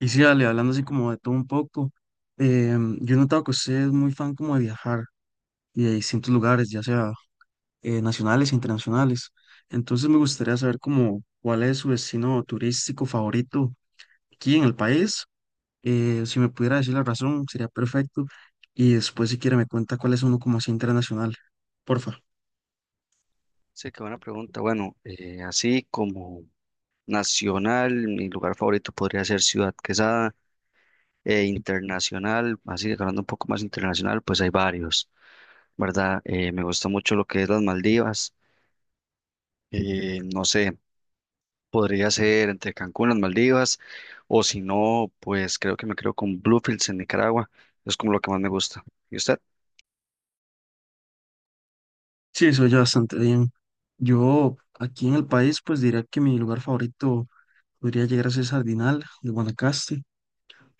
Y sí, Ale, hablando así como de todo un poco, yo he notado que usted es muy fan como de viajar y de distintos lugares, ya sea nacionales e internacionales. Entonces me gustaría saber como cuál es su destino turístico favorito aquí en el país. Si me pudiera decir la razón, sería perfecto. Y después si quiere me cuenta cuál es uno como así internacional. Porfa. Sí, qué buena pregunta. Bueno, así como nacional, mi lugar favorito podría ser Ciudad Quesada, e internacional, así que hablando un poco más internacional, pues hay varios, ¿verdad? Me gusta mucho lo que es las Maldivas, no sé, podría ser entre Cancún, las Maldivas, o si no, pues creo que me creo con Bluefields en Nicaragua, es como lo que más me gusta. ¿Y usted? Sí, eso ya bastante bien. Yo aquí en el país pues diría que mi lugar favorito podría llegar a ser Sardinal de Guanacaste,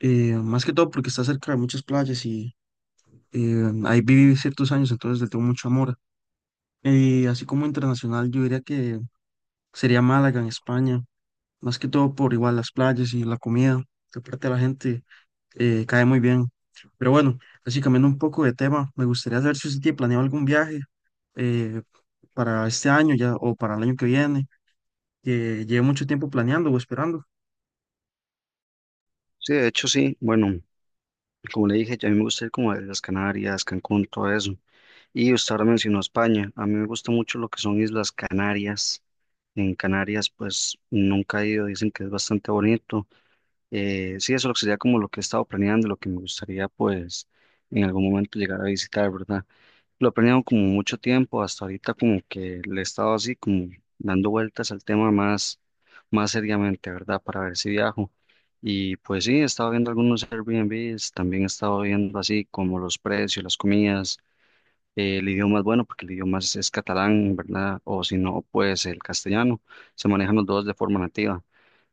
más que todo porque está cerca de muchas playas y ahí viví ciertos años, entonces le tengo mucho amor. Y así como internacional, yo diría que sería Málaga en España, más que todo por igual las playas y la comida, que aparte la gente cae muy bien. Pero bueno, así cambiando un poco de tema, me gustaría saber si usted tiene planeado algún viaje eh, para este año ya o para el año que viene, que lleve mucho tiempo planeando o esperando. Sí, de hecho sí, bueno, como le dije, ya a mí me gusta ir como a las Canarias, Cancún, todo eso. Y usted ahora mencionó España. A mí me gusta mucho lo que son Islas Canarias. En Canarias, pues nunca he ido, dicen que es bastante bonito. Sí, eso lo que sería como lo que he estado planeando, lo que me gustaría, pues, en algún momento llegar a visitar, ¿verdad? Lo he planeado como mucho tiempo, hasta ahorita como que le he estado así como dando vueltas al tema más, más seriamente, ¿verdad? Para ver si viajo. Y pues sí, he estado viendo algunos Airbnbs, también he estado viendo así como los precios, las comidas, el idioma es bueno porque el idioma es catalán, ¿verdad? O si no, pues el castellano. Se manejan los dos de forma nativa.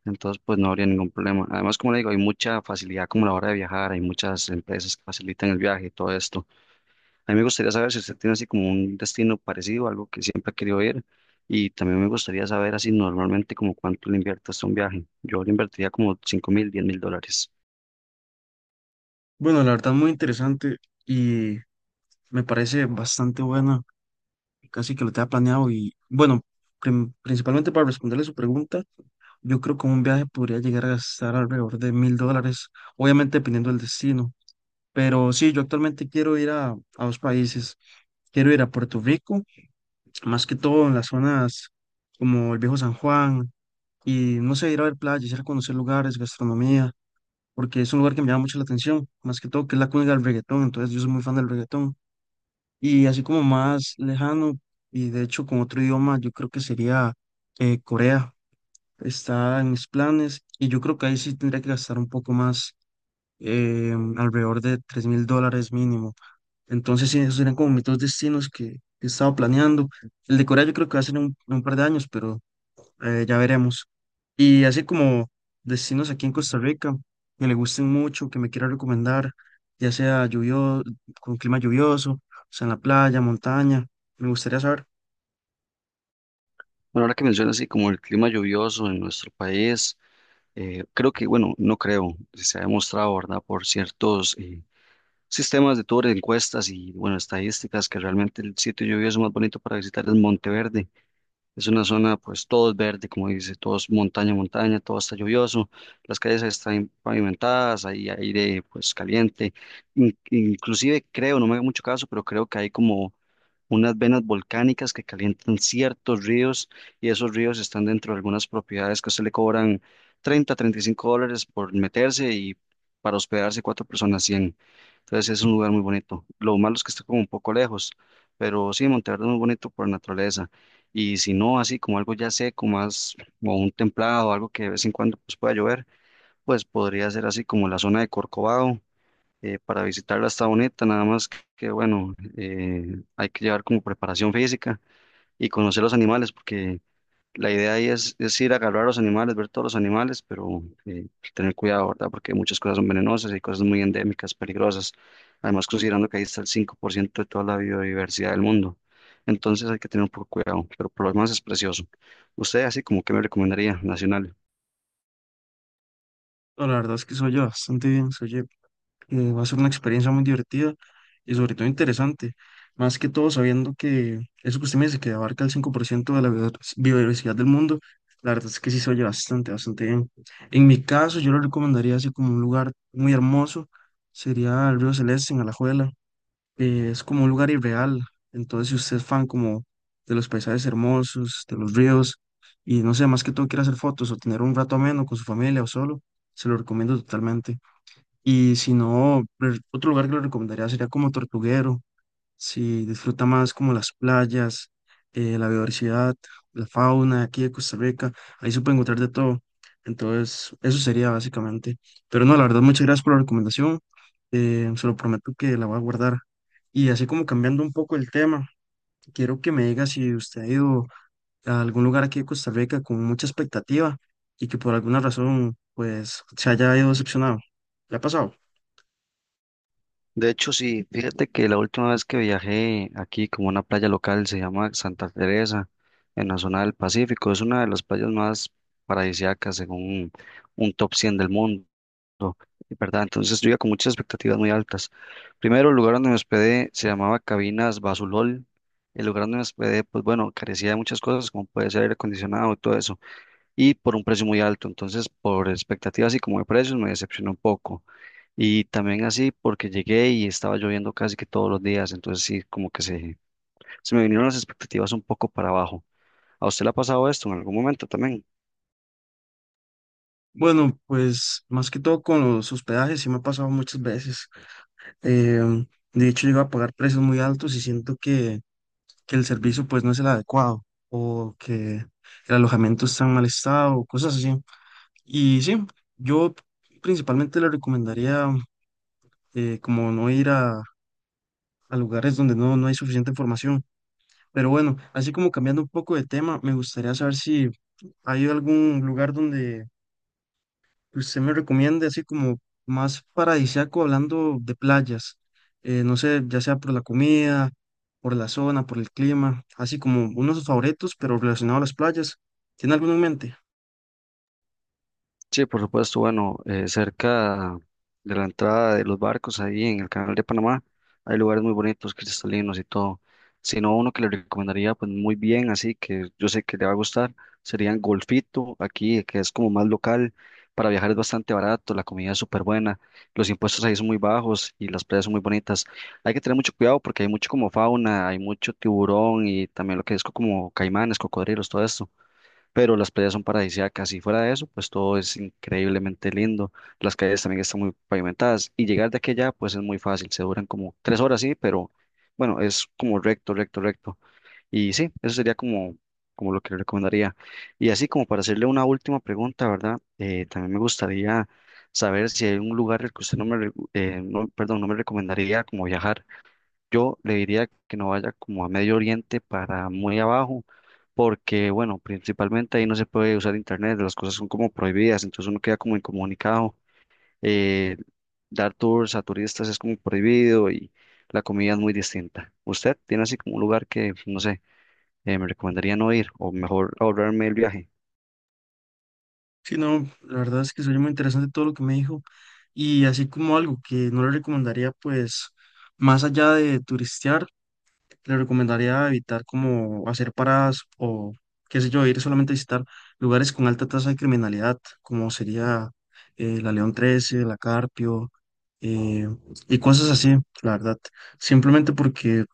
Entonces, pues no habría ningún problema. Además, como le digo, hay mucha facilidad como a la hora de viajar, hay muchas empresas que facilitan el viaje y todo esto. A mí me gustaría saber si usted tiene así como un destino parecido, algo que siempre ha querido ir. Y también me gustaría saber así normalmente como cuánto le invierte usted a un viaje. Yo le invertiría como 5,000, $10,000. Bueno, la verdad muy interesante y me parece bastante buena. Casi que lo tenía planeado y bueno, principalmente para responderle su pregunta, yo creo que un viaje podría llegar a gastar alrededor de $1,000, obviamente dependiendo del destino. Pero sí, yo actualmente quiero ir a dos países. Quiero ir a Puerto Rico, más que todo en las zonas como el Viejo San Juan, y no sé, ir a ver playas, ir a conocer lugares, gastronomía, porque es un lugar que me llama mucho la atención, más que todo que es la cuna del reggaetón, entonces yo soy muy fan del reggaetón. Y así como más lejano, y de hecho con otro idioma, yo creo que sería Corea. Está en mis planes y yo creo que ahí sí tendría que gastar un poco más, alrededor de $3,000 mínimo. Entonces, sí, esos serían como mis dos destinos que estaba planeando. El de Corea yo creo que va a ser en un par de años, pero ya veremos. Y así como destinos aquí en Costa Rica que le gusten mucho, que me quiera recomendar, ya sea lluvioso, con clima lluvioso, o sea, en la playa, montaña, me gustaría saber. Bueno, ahora que menciona así como el clima lluvioso en nuestro país. Creo que, bueno, no creo, se ha demostrado, ¿verdad?, por ciertos, sistemas de tour, encuestas y, bueno, estadísticas que realmente el sitio lluvioso más bonito para visitar es Monteverde. Es una zona, pues todo es verde, como dice, todo es montaña, montaña, todo está lluvioso, las calles están pavimentadas, hay aire, pues caliente. Inclusive creo, no me haga mucho caso, pero creo que hay como unas venas volcánicas que calientan ciertos ríos y esos ríos están dentro de algunas propiedades que se le cobran $35 por meterse y para hospedarse cuatro personas 100. Entonces es un lugar muy bonito. Lo malo es que está como un poco lejos, pero sí, Monteverde es muy bonito por naturaleza. Y si no, así como algo ya seco, más como un templado, algo que de vez en cuando pues, pueda llover, pues podría ser así como la zona de Corcovado. Para visitarla está bonita, nada más que, bueno, hay que llevar como preparación física y conocer los animales, porque la idea ahí es ir a agarrar a los animales, ver todos los animales, pero tener cuidado, ¿verdad? Porque muchas cosas son venenosas y cosas muy endémicas, peligrosas. Además, considerando que ahí está el 5% de toda la biodiversidad del mundo. Entonces hay que tener un poco de cuidado, pero por lo demás es precioso. ¿Usted así como que me recomendaría, nacional? No, la verdad es que soy yo bastante bien, soy va a ser una experiencia muy divertida y sobre todo interesante, más que todo sabiendo que eso que usted me dice, que abarca el 5% de la biodiversidad del mundo, la verdad es que sí se oye bastante, bastante bien. En mi caso, yo lo recomendaría así como un lugar muy hermoso, sería el Río Celeste en Alajuela. Es como un lugar irreal, entonces si usted es fan como de los paisajes hermosos, de los ríos, y no sé, más que todo quiere hacer fotos o tener un rato ameno con su familia o solo, se lo recomiendo totalmente. Y si no, otro lugar que le recomendaría sería como Tortuguero, si disfruta más como las playas, la biodiversidad, la fauna aquí de Costa Rica, ahí se puede encontrar de todo. Entonces, eso sería básicamente. Pero no, la verdad, muchas gracias por la recomendación. Se lo prometo que la voy a guardar. Y así como cambiando un poco el tema, quiero que me diga si usted ha ido a algún lugar aquí de Costa Rica con mucha expectativa y que por alguna razón, pues, se haya ido decepcionado. ¿Le ha pasado? De hecho, sí, fíjate que la última vez que viajé aquí como a una playa local se llama Santa Teresa, en la zona del Pacífico. Es una de las playas más paradisíacas según un top 100 del mundo. ¿No? ¿Verdad? Entonces yo iba con muchas expectativas muy altas. Primero, el lugar donde me hospedé se llamaba Cabinas Basulol. El lugar donde me hospedé, pues bueno, carecía de muchas cosas, como puede ser aire acondicionado y todo eso, y por un precio muy alto. Entonces, por expectativas y como de precios, me decepcionó un poco. Y también así porque llegué y estaba lloviendo casi que todos los días, entonces sí, como que se me vinieron las expectativas un poco para abajo. ¿A usted le ha pasado esto en algún momento también? Bueno, pues más que todo con los hospedajes, sí me ha pasado muchas veces. Eh, de hecho, llego a pagar precios muy altos y siento que el servicio pues no es el adecuado o que el alojamiento está en mal estado o cosas así. Y sí, yo principalmente le recomendaría como no ir a lugares donde no, no hay suficiente información. Pero bueno, así como cambiando un poco de tema, me gustaría saber si hay algún lugar donde usted me recomienda así como más paradisíaco hablando de playas, no sé, ya sea por la comida, por la zona, por el clima, así como unos favoritos, pero relacionado a las playas. ¿Tiene alguno en mente? Sí, por supuesto, bueno, cerca de la entrada de los barcos ahí en el canal de Panamá hay lugares muy bonitos, cristalinos y todo. Si no, uno que le recomendaría pues muy bien, así que yo sé que le va a gustar, serían Golfito, aquí que es como más local, para viajar es bastante barato, la comida es súper buena, los impuestos ahí son muy bajos y las playas son muy bonitas. Hay que tener mucho cuidado porque hay mucho como fauna, hay mucho tiburón y también lo que es como caimanes, cocodrilos, todo esto, pero las playas son paradisíacas y fuera de eso, pues todo es increíblemente lindo. Las calles también están muy pavimentadas y llegar de aquí a allá, pues es muy fácil, se duran como 3 horas, sí, pero bueno, es como recto, recto, recto. Y sí, eso sería como, como lo que le recomendaría. Y así como para hacerle una última pregunta, ¿verdad? También me gustaría saber si hay un lugar el que usted no, perdón, no me recomendaría como viajar. Yo le diría que no vaya como a Medio Oriente para muy abajo, porque bueno, principalmente ahí no se puede usar internet, las cosas son como prohibidas, entonces uno queda como incomunicado. eh, Dar tours a turistas es como prohibido y la comida es muy distinta. ¿Usted tiene así como un lugar que, no sé, me recomendaría no ir o mejor ahorrarme el viaje? Sí, no, la verdad es que soy muy interesante todo lo que me dijo y así como algo que no le recomendaría pues más allá de turistear. Le recomendaría evitar como hacer paradas o, qué sé yo, ir solamente a visitar lugares con alta tasa de criminalidad, como sería la León XIII, la Carpio, eh, y cosas así, la verdad. Simplemente porque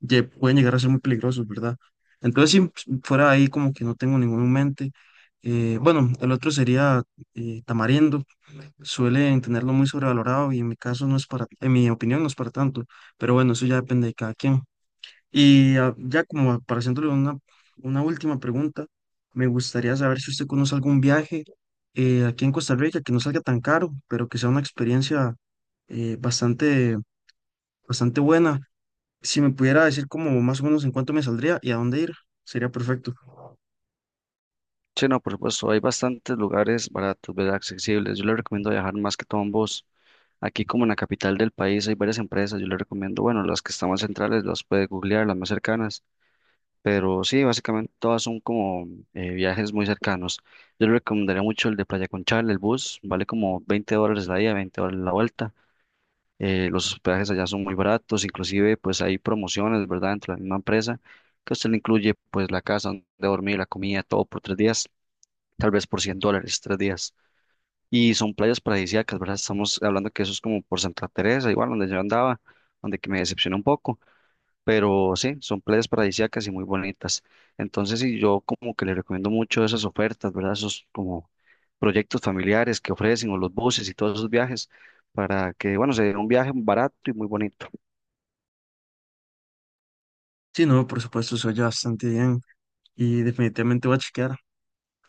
pueden llegar a ser muy peligrosos, ¿verdad? Entonces, si fuera ahí, como que no tengo ninguno en mente. Bueno, el otro sería Tamarindo. Suelen tenerlo muy sobrevalorado y en mi caso no es para, en mi opinión no es para tanto, pero bueno, eso ya depende de cada quien. Y ah, ya como para haciéndole una última pregunta, me gustaría saber si usted conoce algún viaje aquí en Costa Rica que no salga tan caro, pero que sea una experiencia bastante, bastante buena. Si me pudiera decir como más o menos en cuánto me saldría y a dónde ir, sería perfecto. Sí, no, por supuesto, hay bastantes lugares baratos, ¿verdad? Accesibles. Yo le recomiendo viajar más que todo en bus. Aquí como en la capital del país hay varias empresas, yo le recomiendo, bueno, las que están más centrales las puede googlear, las más cercanas, pero sí, básicamente todas son como viajes muy cercanos. Yo le recomendaría mucho el de Playa Conchal, el bus, vale como $20 la ida, $20 la vuelta. Los hospedajes allá son muy baratos, inclusive pues hay promociones, ¿verdad? Dentro de la misma empresa, que usted le incluye pues la casa donde dormir, la comida, todo por 3 días, tal vez por $100, 3 días. Y son playas paradisíacas, ¿verdad? Estamos hablando que eso es como por Santa Teresa, igual donde yo andaba, donde que me decepcionó un poco, pero sí, son playas paradisíacas y muy bonitas. Entonces, sí, yo como que le recomiendo mucho esas ofertas, ¿verdad? Esos como proyectos familiares que ofrecen o los buses y todos esos viajes para que, bueno, sea un viaje barato y muy bonito. Sí, no, por supuesto, se oye bastante bien y definitivamente voy a chequear,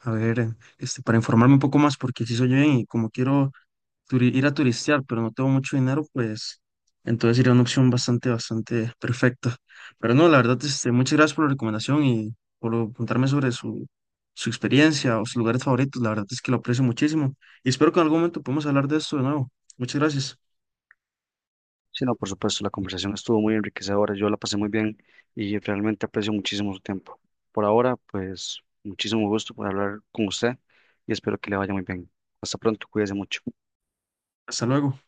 a ver, para informarme un poco más, porque sí se oye bien y como quiero ir a turistear, pero no tengo mucho dinero, pues entonces sería una opción bastante, bastante perfecta. Pero no, la verdad, muchas gracias por la recomendación y por contarme sobre su experiencia o sus lugares favoritos. La verdad es que lo aprecio muchísimo y espero que en algún momento podamos hablar de esto de nuevo. Muchas gracias. Sí, no, por supuesto, la conversación estuvo muy enriquecedora, yo la pasé muy bien y realmente aprecio muchísimo su tiempo. Por ahora, pues muchísimo gusto por hablar con usted y espero que le vaya muy bien. Hasta pronto, cuídese mucho. Hasta luego.